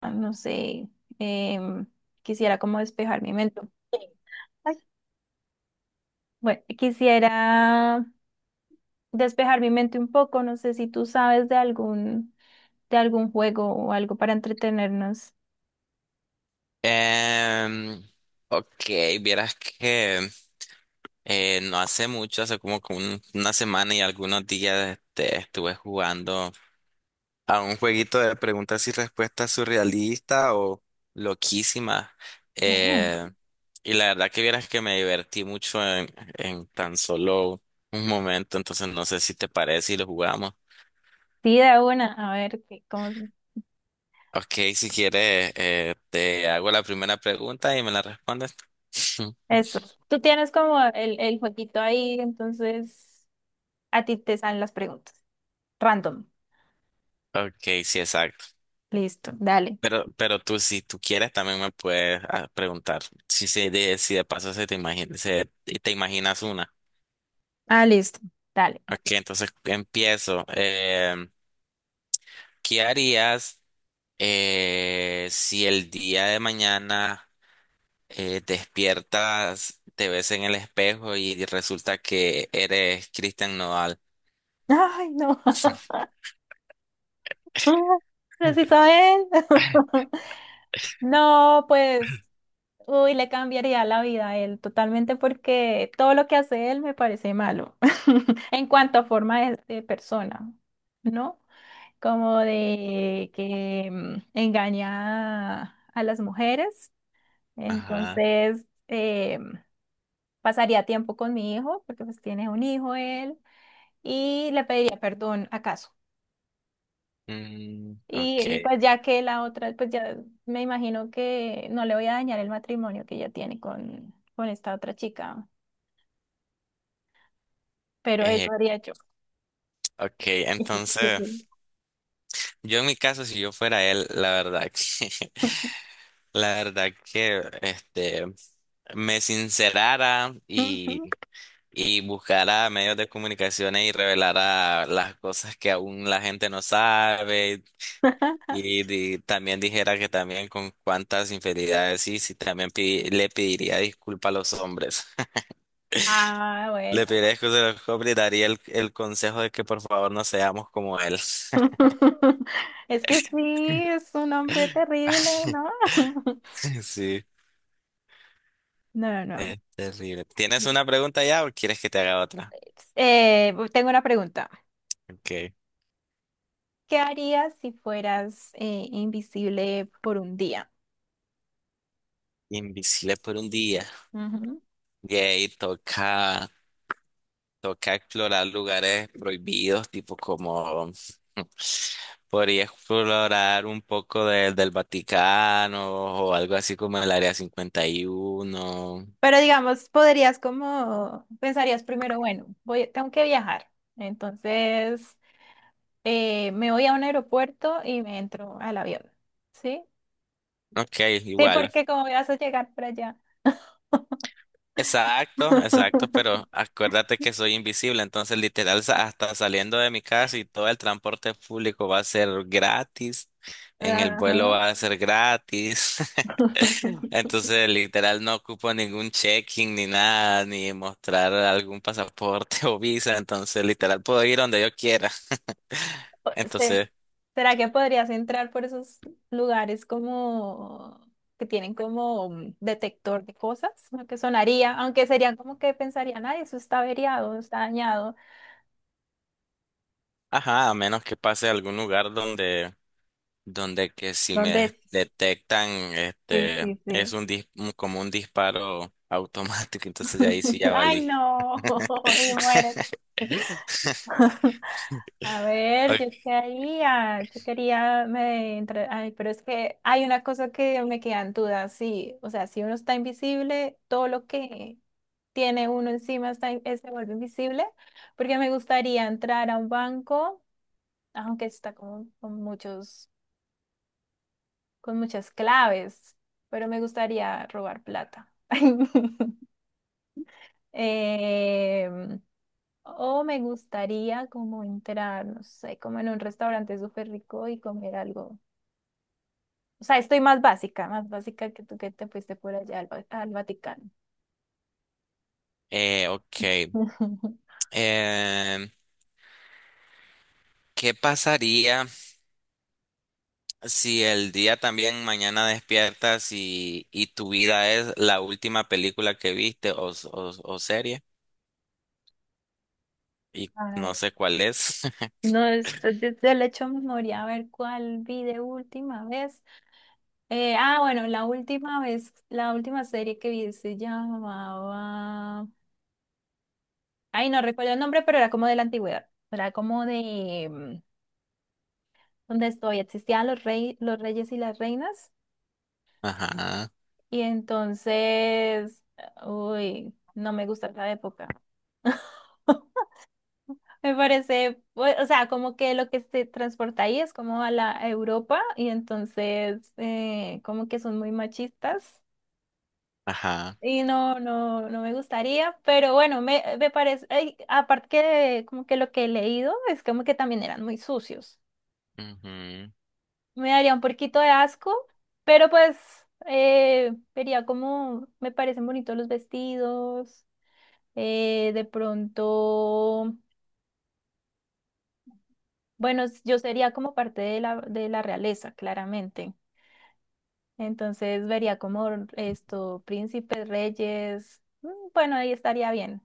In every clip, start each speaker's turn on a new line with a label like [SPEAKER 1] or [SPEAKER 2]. [SPEAKER 1] Ah, no sé, em, quisiera como despejar mi mente. Bueno, quisiera despejar mi mente un poco, no sé si tú sabes de algún juego o algo para entretenernos.
[SPEAKER 2] Em, ok, vieras que no hace mucho, hace como que una semana y algunos días estuve jugando a un jueguito de preguntas y respuestas surrealista o loquísima.
[SPEAKER 1] Oh.
[SPEAKER 2] Eh, y la verdad que vieras que me divertí mucho en tan solo un momento, entonces no sé si te parece y lo jugamos.
[SPEAKER 1] Sí, de una, a ver, qué- cómo-
[SPEAKER 2] Ok, si quieres, te hago la primera pregunta y me la respondes.
[SPEAKER 1] eso. Tú tienes como el jueguito ahí, entonces a ti te salen las preguntas. Random.
[SPEAKER 2] Ok, sí, exacto.
[SPEAKER 1] Listo. Dale.
[SPEAKER 2] Pero tú, si tú quieres, también me puedes preguntar si de paso se te imagina, se, te imaginas una.
[SPEAKER 1] Ah, listo. Dale.
[SPEAKER 2] Ok, entonces empiezo. ¿Qué harías si el día de mañana despiertas, te ves en el espejo y resulta que eres Christian Nodal?
[SPEAKER 1] Ay, no. Preciso es. No, pues. Uy, le cambiaría la vida a él totalmente porque todo lo que hace él me parece malo en cuanto a forma de persona, ¿no? Como de que engaña a las mujeres.
[SPEAKER 2] Ajá.
[SPEAKER 1] Entonces, pasaría tiempo con mi hijo porque pues tiene un hijo él y le pediría perdón acaso.
[SPEAKER 2] Mm,
[SPEAKER 1] Y
[SPEAKER 2] ok.
[SPEAKER 1] pues ya que la otra, pues ya me imagino que no le voy a dañar el matrimonio que ella tiene con esta otra chica. Pero eso
[SPEAKER 2] Eh,
[SPEAKER 1] haría yo.
[SPEAKER 2] ok, entonces.
[SPEAKER 1] Sí.
[SPEAKER 2] Yo en mi caso, si yo fuera él, la verdad que, la verdad que, este, me sincerara y,
[SPEAKER 1] Ujú.
[SPEAKER 2] buscara medios de comunicaciones y revelara las cosas que aún la gente no sabe y, también dijera que también con cuántas infidelidades sí, sí, también le pediría disculpas a los hombres.
[SPEAKER 1] Ah, bueno.
[SPEAKER 2] Le pediría disculpas a los hombres y daría el consejo de que por favor no seamos como él.
[SPEAKER 1] Es que sí, es un hombre terrible, ¿no?
[SPEAKER 2] Sí.
[SPEAKER 1] No, no.
[SPEAKER 2] Es terrible. ¿Tienes una pregunta ya o quieres que te haga otra?
[SPEAKER 1] Tengo una pregunta.
[SPEAKER 2] Ok.
[SPEAKER 1] ¿Qué harías si fueras invisible por un día?
[SPEAKER 2] Invisible por un día.
[SPEAKER 1] Ujú.
[SPEAKER 2] Yay, toca explorar lugares prohibidos, tipo como podría explorar un poco del Vaticano o algo así como el Área 51.
[SPEAKER 1] Pero digamos, podrías como, pensarías primero, bueno, voy, tengo que viajar. Entonces, me voy a un aeropuerto y me entro al avión. ¿Sí?
[SPEAKER 2] Ok,
[SPEAKER 1] Sí,
[SPEAKER 2] igual.
[SPEAKER 1] porque como vas a llegar para allá.
[SPEAKER 2] Exacto, exacto, pero acuérdate que soy invisible, entonces literal hasta saliendo de mi casa y todo el transporte público va a ser gratis, en el vuelo
[SPEAKER 1] Ajá.
[SPEAKER 2] va a ser gratis, entonces literal no ocupo ningún check-in ni nada, ni mostrar algún pasaporte o visa, entonces literal puedo ir donde yo quiera.
[SPEAKER 1] Sí.
[SPEAKER 2] Entonces,
[SPEAKER 1] ¿Será que podrías entrar por esos lugares como que tienen como un detector de cosas? Lo que sonaría, aunque serían como que pensarían, ay, eso está averiado, está dañado.
[SPEAKER 2] ajá, a menos que pase a algún lugar donde que si me
[SPEAKER 1] ¿Dónde?
[SPEAKER 2] detectan,
[SPEAKER 1] Sí,
[SPEAKER 2] este,
[SPEAKER 1] sí,
[SPEAKER 2] es
[SPEAKER 1] sí.
[SPEAKER 2] un como un disparo automático, entonces de ahí sí ya
[SPEAKER 1] Ay,
[SPEAKER 2] valí.
[SPEAKER 1] no, y mueres. A ver,
[SPEAKER 2] Ok,
[SPEAKER 1] yo quería, me entra- ay, pero es que hay una cosa que me queda en duda, sí, o sea, si uno está invisible, todo lo que tiene uno encima está, in- se vuelve invisible, porque me gustaría entrar a un banco, aunque está como con muchos, con muchas claves, pero me gustaría robar plata. Em, o me gustaría como entrar, no sé, como en un restaurante súper rico y comer algo. O sea, estoy más básica que tú que te fuiste por allá al, Va- al Vaticano.
[SPEAKER 2] Ok, em, ¿qué pasaría si el día también mañana despiertas y tu vida es la última película que viste o serie? Y no
[SPEAKER 1] Ay,
[SPEAKER 2] sé cuál es.
[SPEAKER 1] no, después de- del hecho memoria, a ver cuál vi de última vez. Ah, bueno, la última vez, la última serie que vi se llamaba. Ay, no recuerdo el nombre, pero era como de la antigüedad. Era como de donde estoy, existían los rey, los reyes y las reinas.
[SPEAKER 2] Ajá,
[SPEAKER 1] Y entonces, uy, no me gusta esa época. Me parece, pues, o sea, como que lo que se transporta ahí es como a la a Europa y entonces como que son muy machistas
[SPEAKER 2] ajá.
[SPEAKER 1] y no, no, no me gustaría, pero bueno, me parece, ay, aparte que como que lo que he leído es como que también eran muy sucios.
[SPEAKER 2] Ujú.
[SPEAKER 1] Me daría un poquito de asco, pero pues vería como me parecen bonitos los vestidos, de pronto, bueno, yo sería como parte de la realeza, claramente. Entonces vería como esto, príncipes, reyes. Bueno, ahí estaría bien.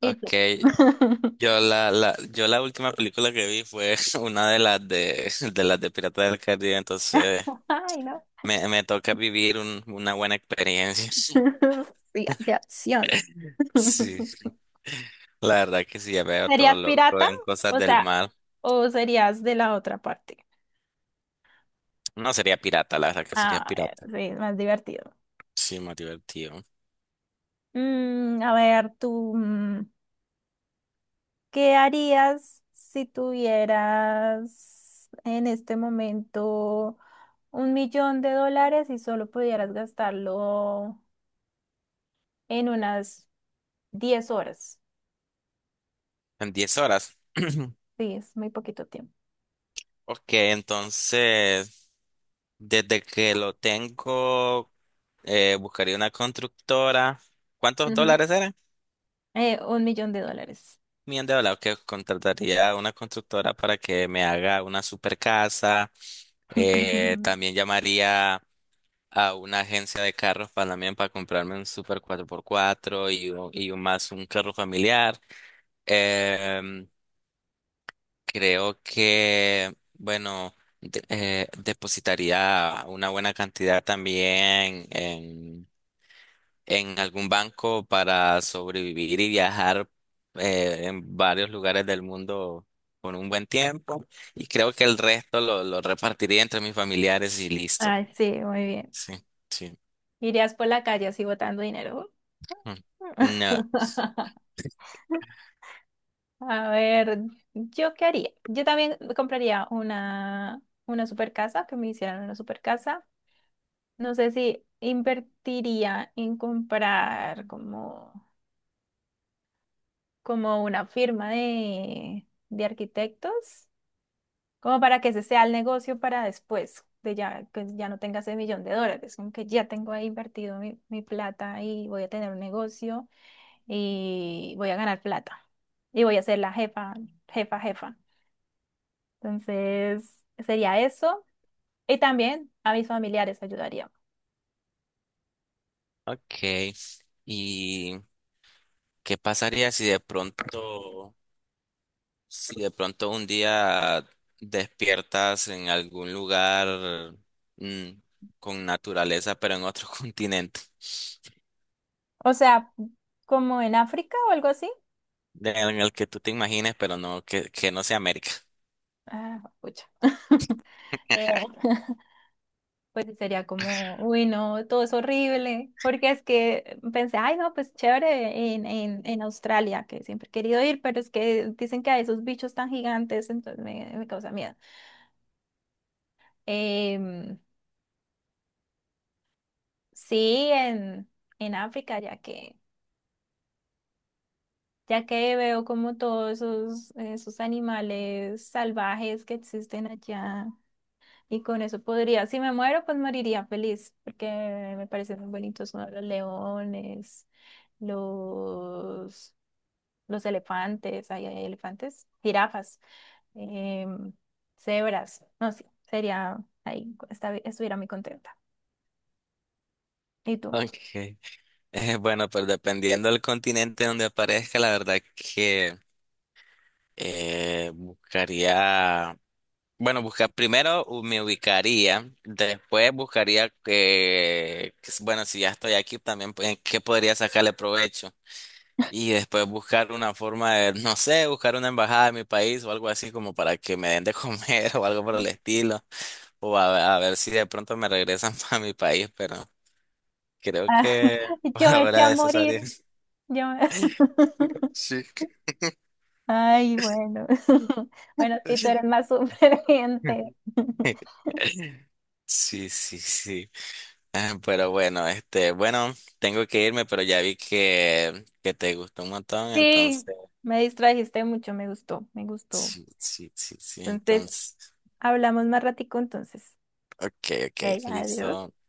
[SPEAKER 1] ¿Y
[SPEAKER 2] Ok,
[SPEAKER 1] tú?
[SPEAKER 2] Yo la última película que vi fue una de las de Piratas del Caribe, entonces
[SPEAKER 1] Ay, no.
[SPEAKER 2] me toca vivir una buena experiencia.
[SPEAKER 1] Sí, de acción.
[SPEAKER 2] Sí, la verdad que sí, ya veo todo
[SPEAKER 1] ¿Serías
[SPEAKER 2] loco
[SPEAKER 1] pirata?
[SPEAKER 2] en cosas
[SPEAKER 1] O
[SPEAKER 2] del
[SPEAKER 1] sea,
[SPEAKER 2] mar.
[SPEAKER 1] ¿o serías de la otra parte?
[SPEAKER 2] No sería pirata, la verdad que sería
[SPEAKER 1] A ver,
[SPEAKER 2] pirata.
[SPEAKER 1] sí, es más divertido.
[SPEAKER 2] Sí, más divertido.
[SPEAKER 1] Mm, a ver, tú, ¿qué harías si tuvieras en este momento $1.000.000 y solo pudieras gastarlo? En unas 10 horas.
[SPEAKER 2] En 10 horas.
[SPEAKER 1] Sí, es muy poquito tiempo.
[SPEAKER 2] Ok, entonces, desde que lo tengo, buscaría una constructora. ¿Cuántos
[SPEAKER 1] Ujú.
[SPEAKER 2] dólares eran?
[SPEAKER 1] $1.000.000.
[SPEAKER 2] Me han hablado que contrataría a una constructora para que me haga una super casa. También llamaría a una agencia de carros para también para comprarme un super 4x4 y, un más un carro familiar. Em, Creo que, bueno, depositaría una buena cantidad también en algún banco para sobrevivir y viajar en varios lugares del mundo por un buen tiempo. Y creo que el resto lo repartiría entre mis familiares y listo.
[SPEAKER 1] Ay, sí, muy bien.
[SPEAKER 2] Sí, sí.
[SPEAKER 1] Irías por la calle así botando dinero.
[SPEAKER 2] Mm. No.
[SPEAKER 1] A ver, ¿yo qué haría? Yo también compraría una super casa, que me hicieran una super casa. No sé si invertiría en comprar como, como una firma de arquitectos. Como para que ese sea el negocio para después, de ya que ya no tenga ese $1.000.000, como que ya tengo ahí invertido mi plata y voy a tener un negocio y voy a ganar plata y voy a ser la jefa, jefa, jefa. Entonces, sería eso. Y también a mis familiares ayudaría.
[SPEAKER 2] Ok. ¿Y qué pasaría si de pronto, un día despiertas en algún lugar mm, con naturaleza, pero en otro continente?
[SPEAKER 1] O sea, como en África o algo así.
[SPEAKER 2] En el que tú te imagines, pero no, que no sea América.
[SPEAKER 1] Ah, pucha. Eh, pues sí, sería como, uy, no, todo es horrible, porque es que pensé, ay, no, pues chévere en Australia, que siempre he querido ir, pero es que dicen que hay esos bichos tan gigantes, entonces me causa miedo. Em, sí, en África, ya que veo como todos esos, esos animales salvajes que existen allá, y con eso podría, si me muero, pues moriría feliz, porque me parecen muy bonitos, ¿no? Los leones, los, los elefantes, ahí hay elefantes, jirafas, em, cebras, no sé, sería ahí, esta- estuviera muy contenta. ¿Y tú?
[SPEAKER 2] Okay. Bueno, pues dependiendo del continente donde aparezca, la verdad que buscaría, bueno, buscar primero me ubicaría, después buscaría bueno, si ya estoy aquí también, pues, ¿qué podría sacarle provecho? Y después buscar una forma de, no sé, buscar una embajada de mi país o algo así como para que me den de comer o algo por el estilo, o a ver si de pronto me regresan para mi país, pero... Creo
[SPEAKER 1] Ah,
[SPEAKER 2] que por
[SPEAKER 1] yo me eché a
[SPEAKER 2] ahora es
[SPEAKER 1] morir,
[SPEAKER 2] área.
[SPEAKER 1] yo me-
[SPEAKER 2] Sí.
[SPEAKER 1] Ay, bueno, bueno, si tú eres más superviviente.
[SPEAKER 2] Sí, sí, sí. Ah, pero bueno, este, bueno, tengo que irme, pero ya vi que te gustó un montón,
[SPEAKER 1] Sí,
[SPEAKER 2] entonces,
[SPEAKER 1] me distrajiste mucho, me gustó, me gustó.
[SPEAKER 2] sí, sí, sí, sí,
[SPEAKER 1] Entonces,
[SPEAKER 2] entonces,
[SPEAKER 1] hablamos más ratico entonces.
[SPEAKER 2] ok, ok,
[SPEAKER 1] Hey, adiós.
[SPEAKER 2] listo.